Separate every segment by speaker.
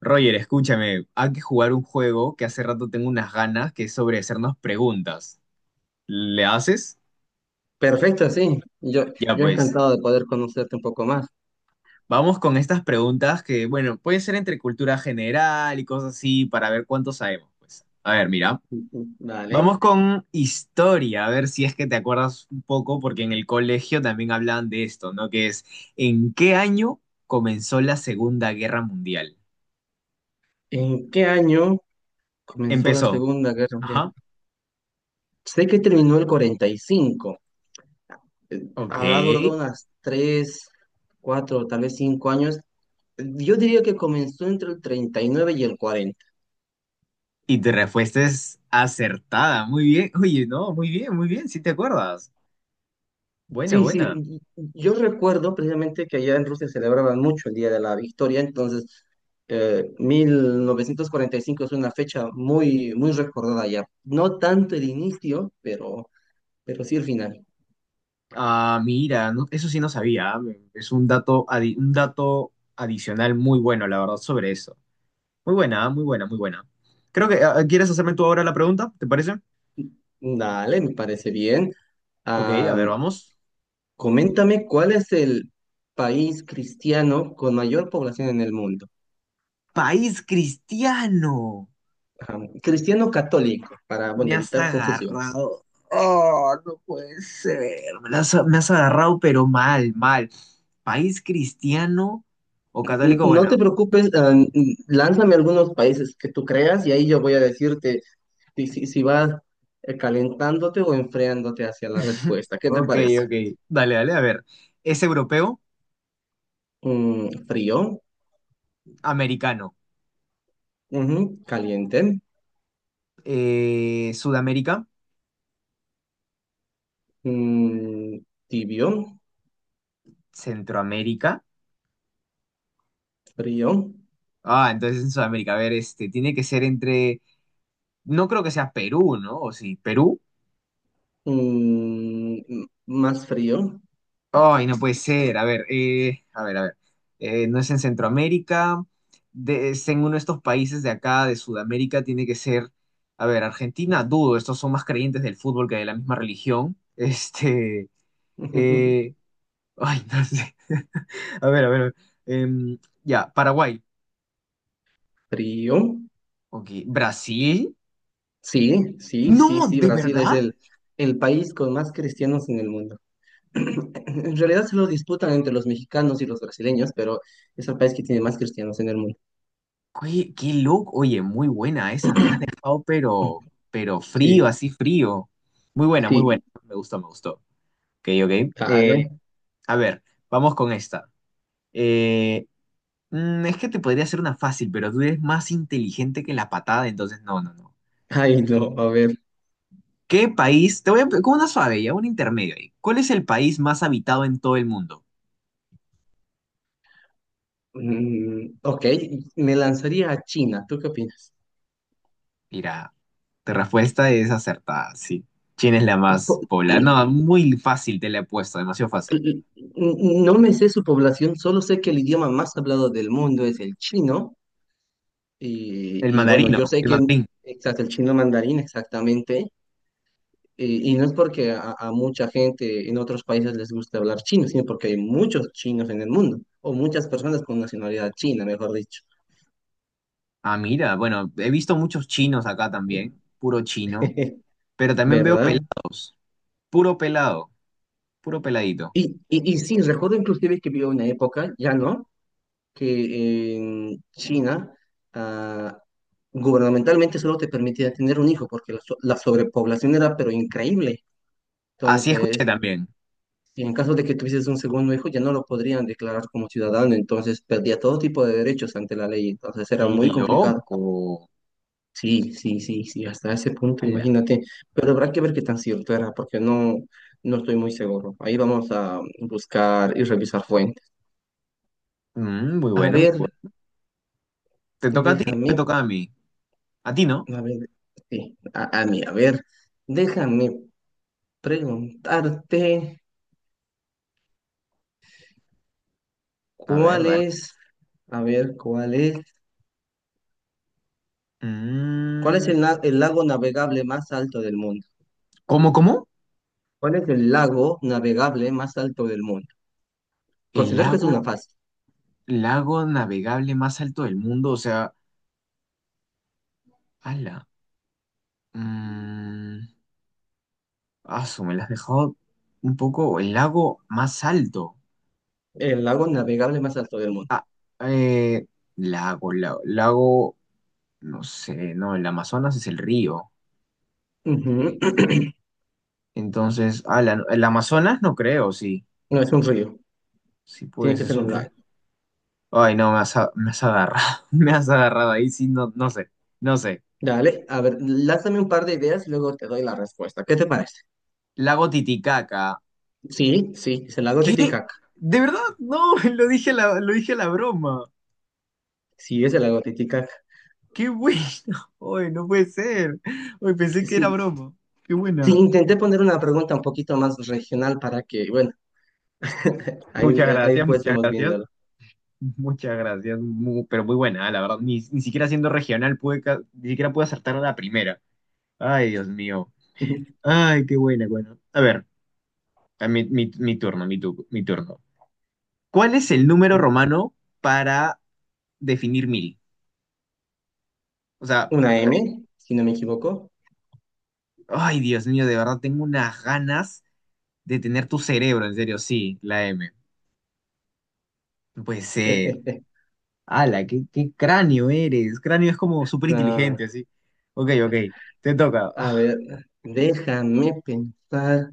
Speaker 1: Roger, escúchame, hay que jugar un juego que hace rato tengo unas ganas, que es sobre hacernos preguntas. ¿Le haces?
Speaker 2: Perfecto, sí. Yo,
Speaker 1: Ya
Speaker 2: yo
Speaker 1: pues,
Speaker 2: encantado de poder conocerte un poco más.
Speaker 1: vamos con estas preguntas que, bueno, pueden ser entre cultura general y cosas así para ver cuánto sabemos, pues. A ver, mira,
Speaker 2: Vale.
Speaker 1: vamos con historia, a ver si es que te acuerdas un poco, porque en el colegio también hablaban de esto, ¿no? ¿En qué año comenzó la Segunda Guerra Mundial?
Speaker 2: ¿En qué año comenzó la
Speaker 1: Empezó.
Speaker 2: Segunda Guerra Mundial?
Speaker 1: Ajá.
Speaker 2: Sé que terminó el 45. eh,
Speaker 1: Ok.
Speaker 2: Habrá durado unas 3, 4, tal vez 5 años. Yo diría que comenzó entre el 39 y nueve y el 40.
Speaker 1: Y tu respuesta es acertada. Muy bien. Oye, no, muy bien, muy bien. Sí te acuerdas. Buena,
Speaker 2: Sí, sí,
Speaker 1: buena.
Speaker 2: yo recuerdo precisamente que allá en Rusia celebraban mucho el Día de la Victoria, entonces 1945 es una fecha muy, muy recordada allá. No tanto el inicio, pero sí el final.
Speaker 1: Sí. Ah, mira, eso sí no sabía. Es un dato adicional muy bueno, la verdad, sobre eso. Muy buena, muy buena, muy buena. Creo que, ¿quieres hacerme tú ahora la pregunta? ¿Te parece?
Speaker 2: Dale, me parece bien.
Speaker 1: Ok, a
Speaker 2: Ah,
Speaker 1: ver, vamos.
Speaker 2: coméntame cuál es el país cristiano con mayor población en el mundo.
Speaker 1: País cristiano.
Speaker 2: Ah, cristiano católico, para,
Speaker 1: Me
Speaker 2: bueno,
Speaker 1: has
Speaker 2: evitar confusiones.
Speaker 1: agarrado. Oh, no puede ser. Me has agarrado, pero mal, mal. ¿País cristiano o católico?
Speaker 2: No
Speaker 1: Bueno,
Speaker 2: te preocupes, lánzame algunos países que tú creas y ahí yo voy a decirte si, si, si vas calentándote o enfriándote hacia la respuesta. ¿Qué te
Speaker 1: ok,
Speaker 2: parece?
Speaker 1: ok. Dale, dale, a ver. ¿Es europeo?
Speaker 2: Mm, frío.
Speaker 1: Americano.
Speaker 2: Ujú, caliente.
Speaker 1: ¿Sudamérica?
Speaker 2: Mm, tibio.
Speaker 1: ¿Centroamérica?
Speaker 2: Frío.
Speaker 1: Ah, entonces en Sudamérica. A ver, este, tiene que ser entre. No creo que sea Perú, ¿no? ¿O sí? ¿Perú?
Speaker 2: Mm, más frío.
Speaker 1: Ay, no puede ser. A ver, a ver, a ver. No es en Centroamérica. Es en uno de estos países de acá, de Sudamérica, tiene que ser. A ver, Argentina, dudo. Estos son más creyentes del fútbol que de la misma religión. Este. eh, Ay, no sé. A ver, a ver. A ver. Ya, Paraguay.
Speaker 2: Frío.
Speaker 1: Ok. ¿Brasil?
Speaker 2: Sí, sí, sí,
Speaker 1: No,
Speaker 2: sí,
Speaker 1: ¿de
Speaker 2: Brasil es
Speaker 1: verdad?
Speaker 2: el país con más cristianos en el mundo. En realidad se lo disputan entre los mexicanos y los brasileños, pero es el país que tiene más cristianos en el mundo.
Speaker 1: Oye, qué loco. Oye, muy buena esa. Me has dejado, pero frío,
Speaker 2: Sí,
Speaker 1: así frío. Muy buena, muy buena.
Speaker 2: sí,
Speaker 1: Me gustó, me gustó. Ok, ok.
Speaker 2: vale.
Speaker 1: A ver, vamos con esta. Eh, es que te podría hacer una fácil, pero tú eres más inteligente que la patada, entonces no, no, no.
Speaker 2: Ay, no, a ver.
Speaker 1: ¿Qué país? Te voy a con una suave ya, un intermedio ahí. ¿Cuál es el país más habitado en todo el mundo?
Speaker 2: Mm, ok, me lanzaría a China. ¿Tú qué opinas?
Speaker 1: Mira, tu respuesta es acertada, sí. China es la
Speaker 2: Po-
Speaker 1: más poblada. No, muy fácil te la he puesto, demasiado fácil.
Speaker 2: l- No me sé su población, solo sé que el idioma más hablado del mundo es el chino. Y,
Speaker 1: El
Speaker 2: y bueno,
Speaker 1: mandarino,
Speaker 2: yo sé
Speaker 1: el
Speaker 2: que,
Speaker 1: mandarín.
Speaker 2: exacto, el chino mandarín, exactamente. Y no es porque a mucha gente en otros países les gusta hablar chino, sino porque hay muchos chinos en el mundo, o muchas personas con nacionalidad china, mejor dicho.
Speaker 1: Ah, mira, bueno, he visto muchos chinos acá también, puro chino, pero también veo
Speaker 2: ¿Verdad?
Speaker 1: pelados, puro pelado, puro peladito.
Speaker 2: Y sí, recuerdo inclusive que vivió una época, ya no, que en China ah, gubernamentalmente solo te permitía tener un hijo, porque la sobrepoblación era pero increíble.
Speaker 1: Así escuché
Speaker 2: Entonces,
Speaker 1: también.
Speaker 2: y en caso de que tuvieses un segundo hijo, ya no lo podrían declarar como ciudadano, entonces perdía todo tipo de derechos ante la ley, entonces era
Speaker 1: Qué
Speaker 2: muy complicado.
Speaker 1: loco.
Speaker 2: Sí, sí, sí, sí, hasta ese punto,
Speaker 1: Ala.
Speaker 2: imagínate. Pero habrá que ver qué tan cierto era, porque no, no estoy muy seguro. Ahí vamos a buscar y revisar fuentes.
Speaker 1: Muy
Speaker 2: A
Speaker 1: bueno, muy
Speaker 2: ver,
Speaker 1: bueno. ¿Te toca a ti o me
Speaker 2: déjame,
Speaker 1: toca a mí? A ti no.
Speaker 2: a ver, sí, a mí, a ver, déjame preguntarte
Speaker 1: A ver,
Speaker 2: cuál
Speaker 1: dale.
Speaker 2: es, a ver, cuál es,
Speaker 1: Mm,
Speaker 2: el lago navegable más alto del mundo.
Speaker 1: ¿Cómo, cómo?
Speaker 2: ¿Cuál es el lago navegable más alto del mundo?
Speaker 1: El
Speaker 2: Considero que es
Speaker 1: lago,
Speaker 2: una fase.
Speaker 1: lago navegable más alto del mundo. O sea, ala. Mm, Asu, me la has dejado un poco. El lago más alto.
Speaker 2: El lago navegable más alto del mundo.
Speaker 1: Ah, eh, lago, lago, lago. No sé, no, el Amazonas es el río.
Speaker 2: Ujú.
Speaker 1: Entonces, ala, no, el Amazonas no creo, sí.
Speaker 2: No es un río,
Speaker 1: Sí,
Speaker 2: tiene
Speaker 1: pues
Speaker 2: que
Speaker 1: es
Speaker 2: ser
Speaker 1: un...
Speaker 2: un
Speaker 1: re-
Speaker 2: lago.
Speaker 1: Ay, no, me has agarrado. Me has agarrado ahí, sí, no, no sé. No sé.
Speaker 2: Dale, a ver, lánzame un par de ideas, luego te doy la respuesta. ¿Qué te parece?
Speaker 1: Lago Titicaca.
Speaker 2: Sí, sí, es el lago
Speaker 1: ¿Qué?
Speaker 2: Titicaca.
Speaker 1: ¿De verdad? No, lo dije a la broma.
Speaker 2: Sí, es el lago Titicaca.
Speaker 1: ¡Qué bueno! Ay, no puede ser. Ay, pensé
Speaker 2: Sí,
Speaker 1: que era
Speaker 2: sí.
Speaker 1: broma. ¡Qué
Speaker 2: Sí,
Speaker 1: buena!
Speaker 2: intenté poner una pregunta un poquito más regional para que, bueno, ahí,
Speaker 1: Muchas
Speaker 2: ahí
Speaker 1: gracias,
Speaker 2: pues
Speaker 1: muchas
Speaker 2: estemos
Speaker 1: gracias.
Speaker 2: viéndolo.
Speaker 1: Muchas gracias. Pero muy buena, la verdad. Ni siquiera siendo regional pude, ca- ni siquiera pude acertar a la primera. Ay, Dios mío. Ay, qué buena, bueno. A ver, a mi, mi, mi turno, mi, tu- mi turno. ¿Cuál es el número romano para definir 1000? O sea,
Speaker 2: Una M, si no me equivoco.
Speaker 1: ay, Dios mío, de verdad tengo unas ganas de tener tu cerebro, en serio, sí, la M. No puede ser. Ala, qué cráneo eres. Cráneo es como súper
Speaker 2: No.
Speaker 1: inteligente, así. Ok, ok, te toca.
Speaker 2: A ver, déjame pensar.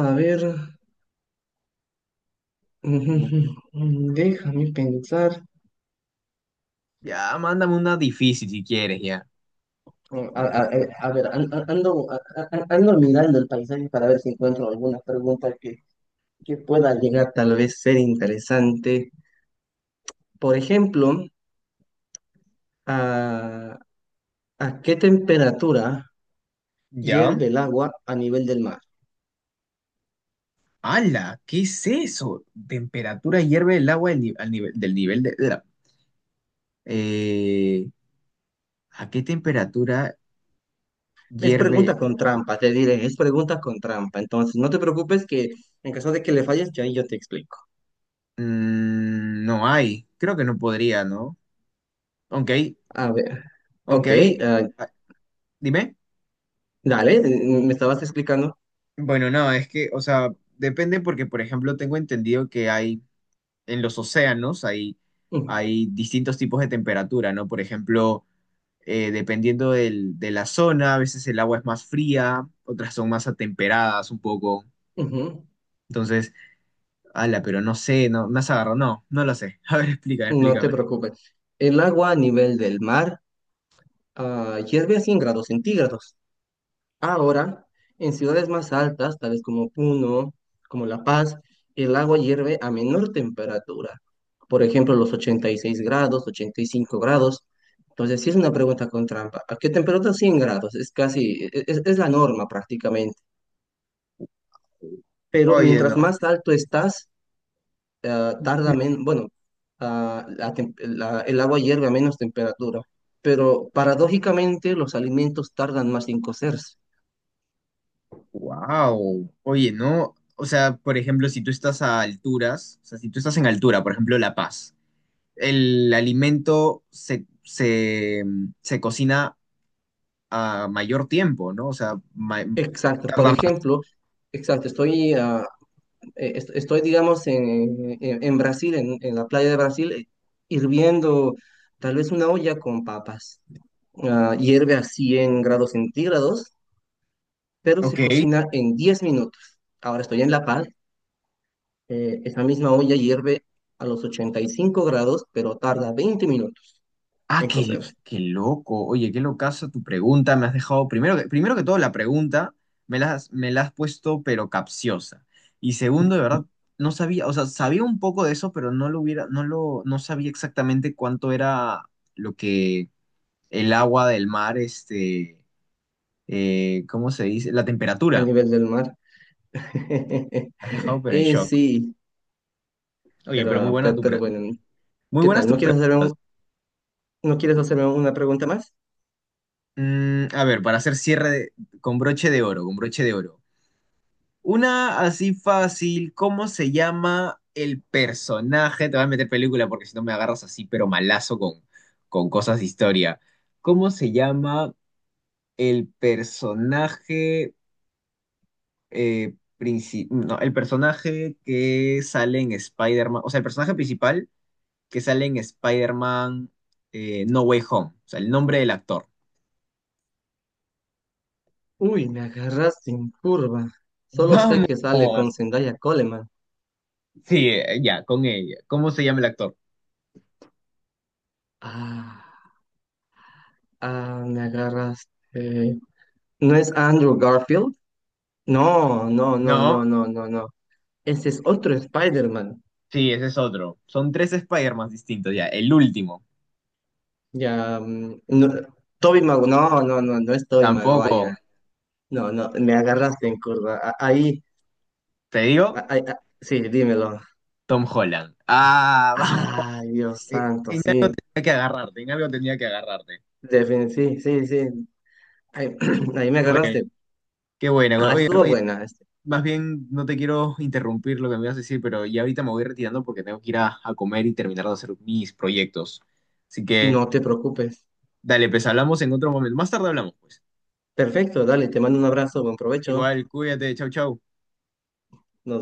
Speaker 2: A ver,
Speaker 1: mu-
Speaker 2: déjame pensar.
Speaker 1: Ya, mándame una difícil si quieres, ya.
Speaker 2: A ver, ando, ando mirando el paisaje para ver si encuentro alguna pregunta que pueda llegar tal vez ser interesante. Por ejemplo, ¿a, ¿a qué temperatura
Speaker 1: ¿Ya?
Speaker 2: hierve el agua a nivel del mar?
Speaker 1: Ala, ¿qué es eso? Temperatura hierve el agua del ni- al nivel. Del nivel de la- Eh, ¿A qué temperatura
Speaker 2: Es
Speaker 1: hierve
Speaker 2: pregunta con trampa, te diré, es pregunta con trampa. Entonces, no te preocupes que en caso de que le falles, yo ahí yo te explico.
Speaker 1: No hay, creo que no podría, ¿no? Aunque hay,
Speaker 2: A ver.
Speaker 1: aunque
Speaker 2: Ok,
Speaker 1: hay,
Speaker 2: eh,
Speaker 1: ah, Dime.
Speaker 2: Dale, me estabas explicando.
Speaker 1: Bueno, no, es que, o sea, depende porque, por ejemplo, tengo entendido en los océanos hay,
Speaker 2: Ujú,
Speaker 1: hay distintos tipos de temperatura, ¿no? Por ejemplo, dependiendo de la zona, a veces el agua es más fría, otras son más atemperadas un poco.
Speaker 2: ujú,
Speaker 1: Entonces, ala, pero no sé, no, me has agarrado, no, no lo sé. A ver, explícame,
Speaker 2: No te
Speaker 1: explícame.
Speaker 2: preocupes. El agua a nivel del mar hierve a 100 grados centígrados. Ahora, en ciudades más altas, tales como Puno, como La Paz, el agua hierve a menor temperatura. Por ejemplo, los 86 grados, 85 grados. Entonces, sí es una pregunta con trampa. ¿A qué temperatura 100 grados? Es es la norma prácticamente. Pero
Speaker 1: Oye, no.
Speaker 2: mientras más alto estás, tarda menos, bueno, el agua hierve a menos temperatura, pero paradójicamente los alimentos tardan más en cocerse.
Speaker 1: Wow. Oye, ¿no? O sea, por ejemplo, si tú estás a alturas, o sea, si tú estás en altura, por ejemplo, La Paz, el alimento se cocina a mayor tiempo, ¿no? O sea,
Speaker 2: Exacto, por ejemplo, exacto, estoy digamos, en Brasil, en la playa de Brasil, hirviendo tal vez una olla con papas. Ah, hierve a 100 grados centígrados, pero se
Speaker 1: ok.
Speaker 2: cocina en 10 minutos. Ahora estoy en La Paz. Esa misma olla hierve a los 85 grados, pero tarda 20 minutos
Speaker 1: Ah,
Speaker 2: en
Speaker 1: qué,
Speaker 2: cocerse
Speaker 1: qué loco. Oye, qué locazo tu pregunta. Me has dejado, primero que todo, la pregunta me la has puesto, pero capciosa. Y segundo, de verdad, no sabía, o sea, sabía un poco de eso, pero no lo hubiera, no lo, no sabía exactamente cuánto era lo que el agua del mar, este, ¿cómo se dice? La
Speaker 2: a
Speaker 1: temperatura.
Speaker 2: nivel del mar.
Speaker 1: Me has dejado pero en
Speaker 2: Y
Speaker 1: shock.
Speaker 2: sí,
Speaker 1: Oye, pero
Speaker 2: pero, bueno,
Speaker 1: muy
Speaker 2: ¿qué
Speaker 1: buenas
Speaker 2: tal?
Speaker 1: tus preguntas.
Speaker 2: ¿No quieres hacerme una pregunta más?
Speaker 1: A ver, para hacer con broche de oro, con broche de oro. Una así fácil, ¿cómo se llama el personaje? Te voy a meter película porque si no me agarras así, pero malazo con, cosas de historia. ¿Cómo se llama el personaje? Princi- no, el personaje que sale en Spider-Man, o sea, el personaje principal que sale en Spider-Man No Way Home, o sea, el nombre del actor.
Speaker 2: Uy, me agarras sin curva. Solo sé
Speaker 1: Vamos,
Speaker 2: que sale con Zendaya Coleman.
Speaker 1: sí, ya, con ella. ¿Cómo se llama el actor?
Speaker 2: Ah, Me agarraste. ¿No es Andrew Garfield? No, no, no, no,
Speaker 1: No,
Speaker 2: no, no, no. Ese es otro Spider-Man.
Speaker 1: sí, ese es otro. Son tres Spider-Man distintos, ya. El último,
Speaker 2: Ya, mm, no, no, no, no, no es Tobey
Speaker 1: tampoco.
Speaker 2: Maguire. No, no, me agarraste en curva. Ahí,
Speaker 1: Te digo,
Speaker 2: ahí, sí, dímelo.
Speaker 1: Tom Holland. Ah, vamos.
Speaker 2: Ay, Dios
Speaker 1: Eh,
Speaker 2: santo,
Speaker 1: En,
Speaker 2: sí,
Speaker 1: en algo tenía que agarrarte.
Speaker 2: sí, sí, sí. Ahí, ahí me
Speaker 1: Qué bueno,
Speaker 2: agarraste.
Speaker 1: qué bueno.
Speaker 2: Ah,
Speaker 1: Oye,
Speaker 2: estuvo
Speaker 1: Roger,
Speaker 2: buena. Este.
Speaker 1: más bien no te quiero interrumpir lo que me ibas a decir, pero ya ahorita me voy retirando porque tengo que ir a comer y terminar de hacer mis proyectos. Así que,
Speaker 2: No te preocupes.
Speaker 1: dale, pues hablamos en otro momento. Más tarde hablamos, pues.
Speaker 2: Perfecto, dale, te mando un abrazo, buen provecho.
Speaker 1: Igual, cuídate, chau, chau.
Speaker 2: Nos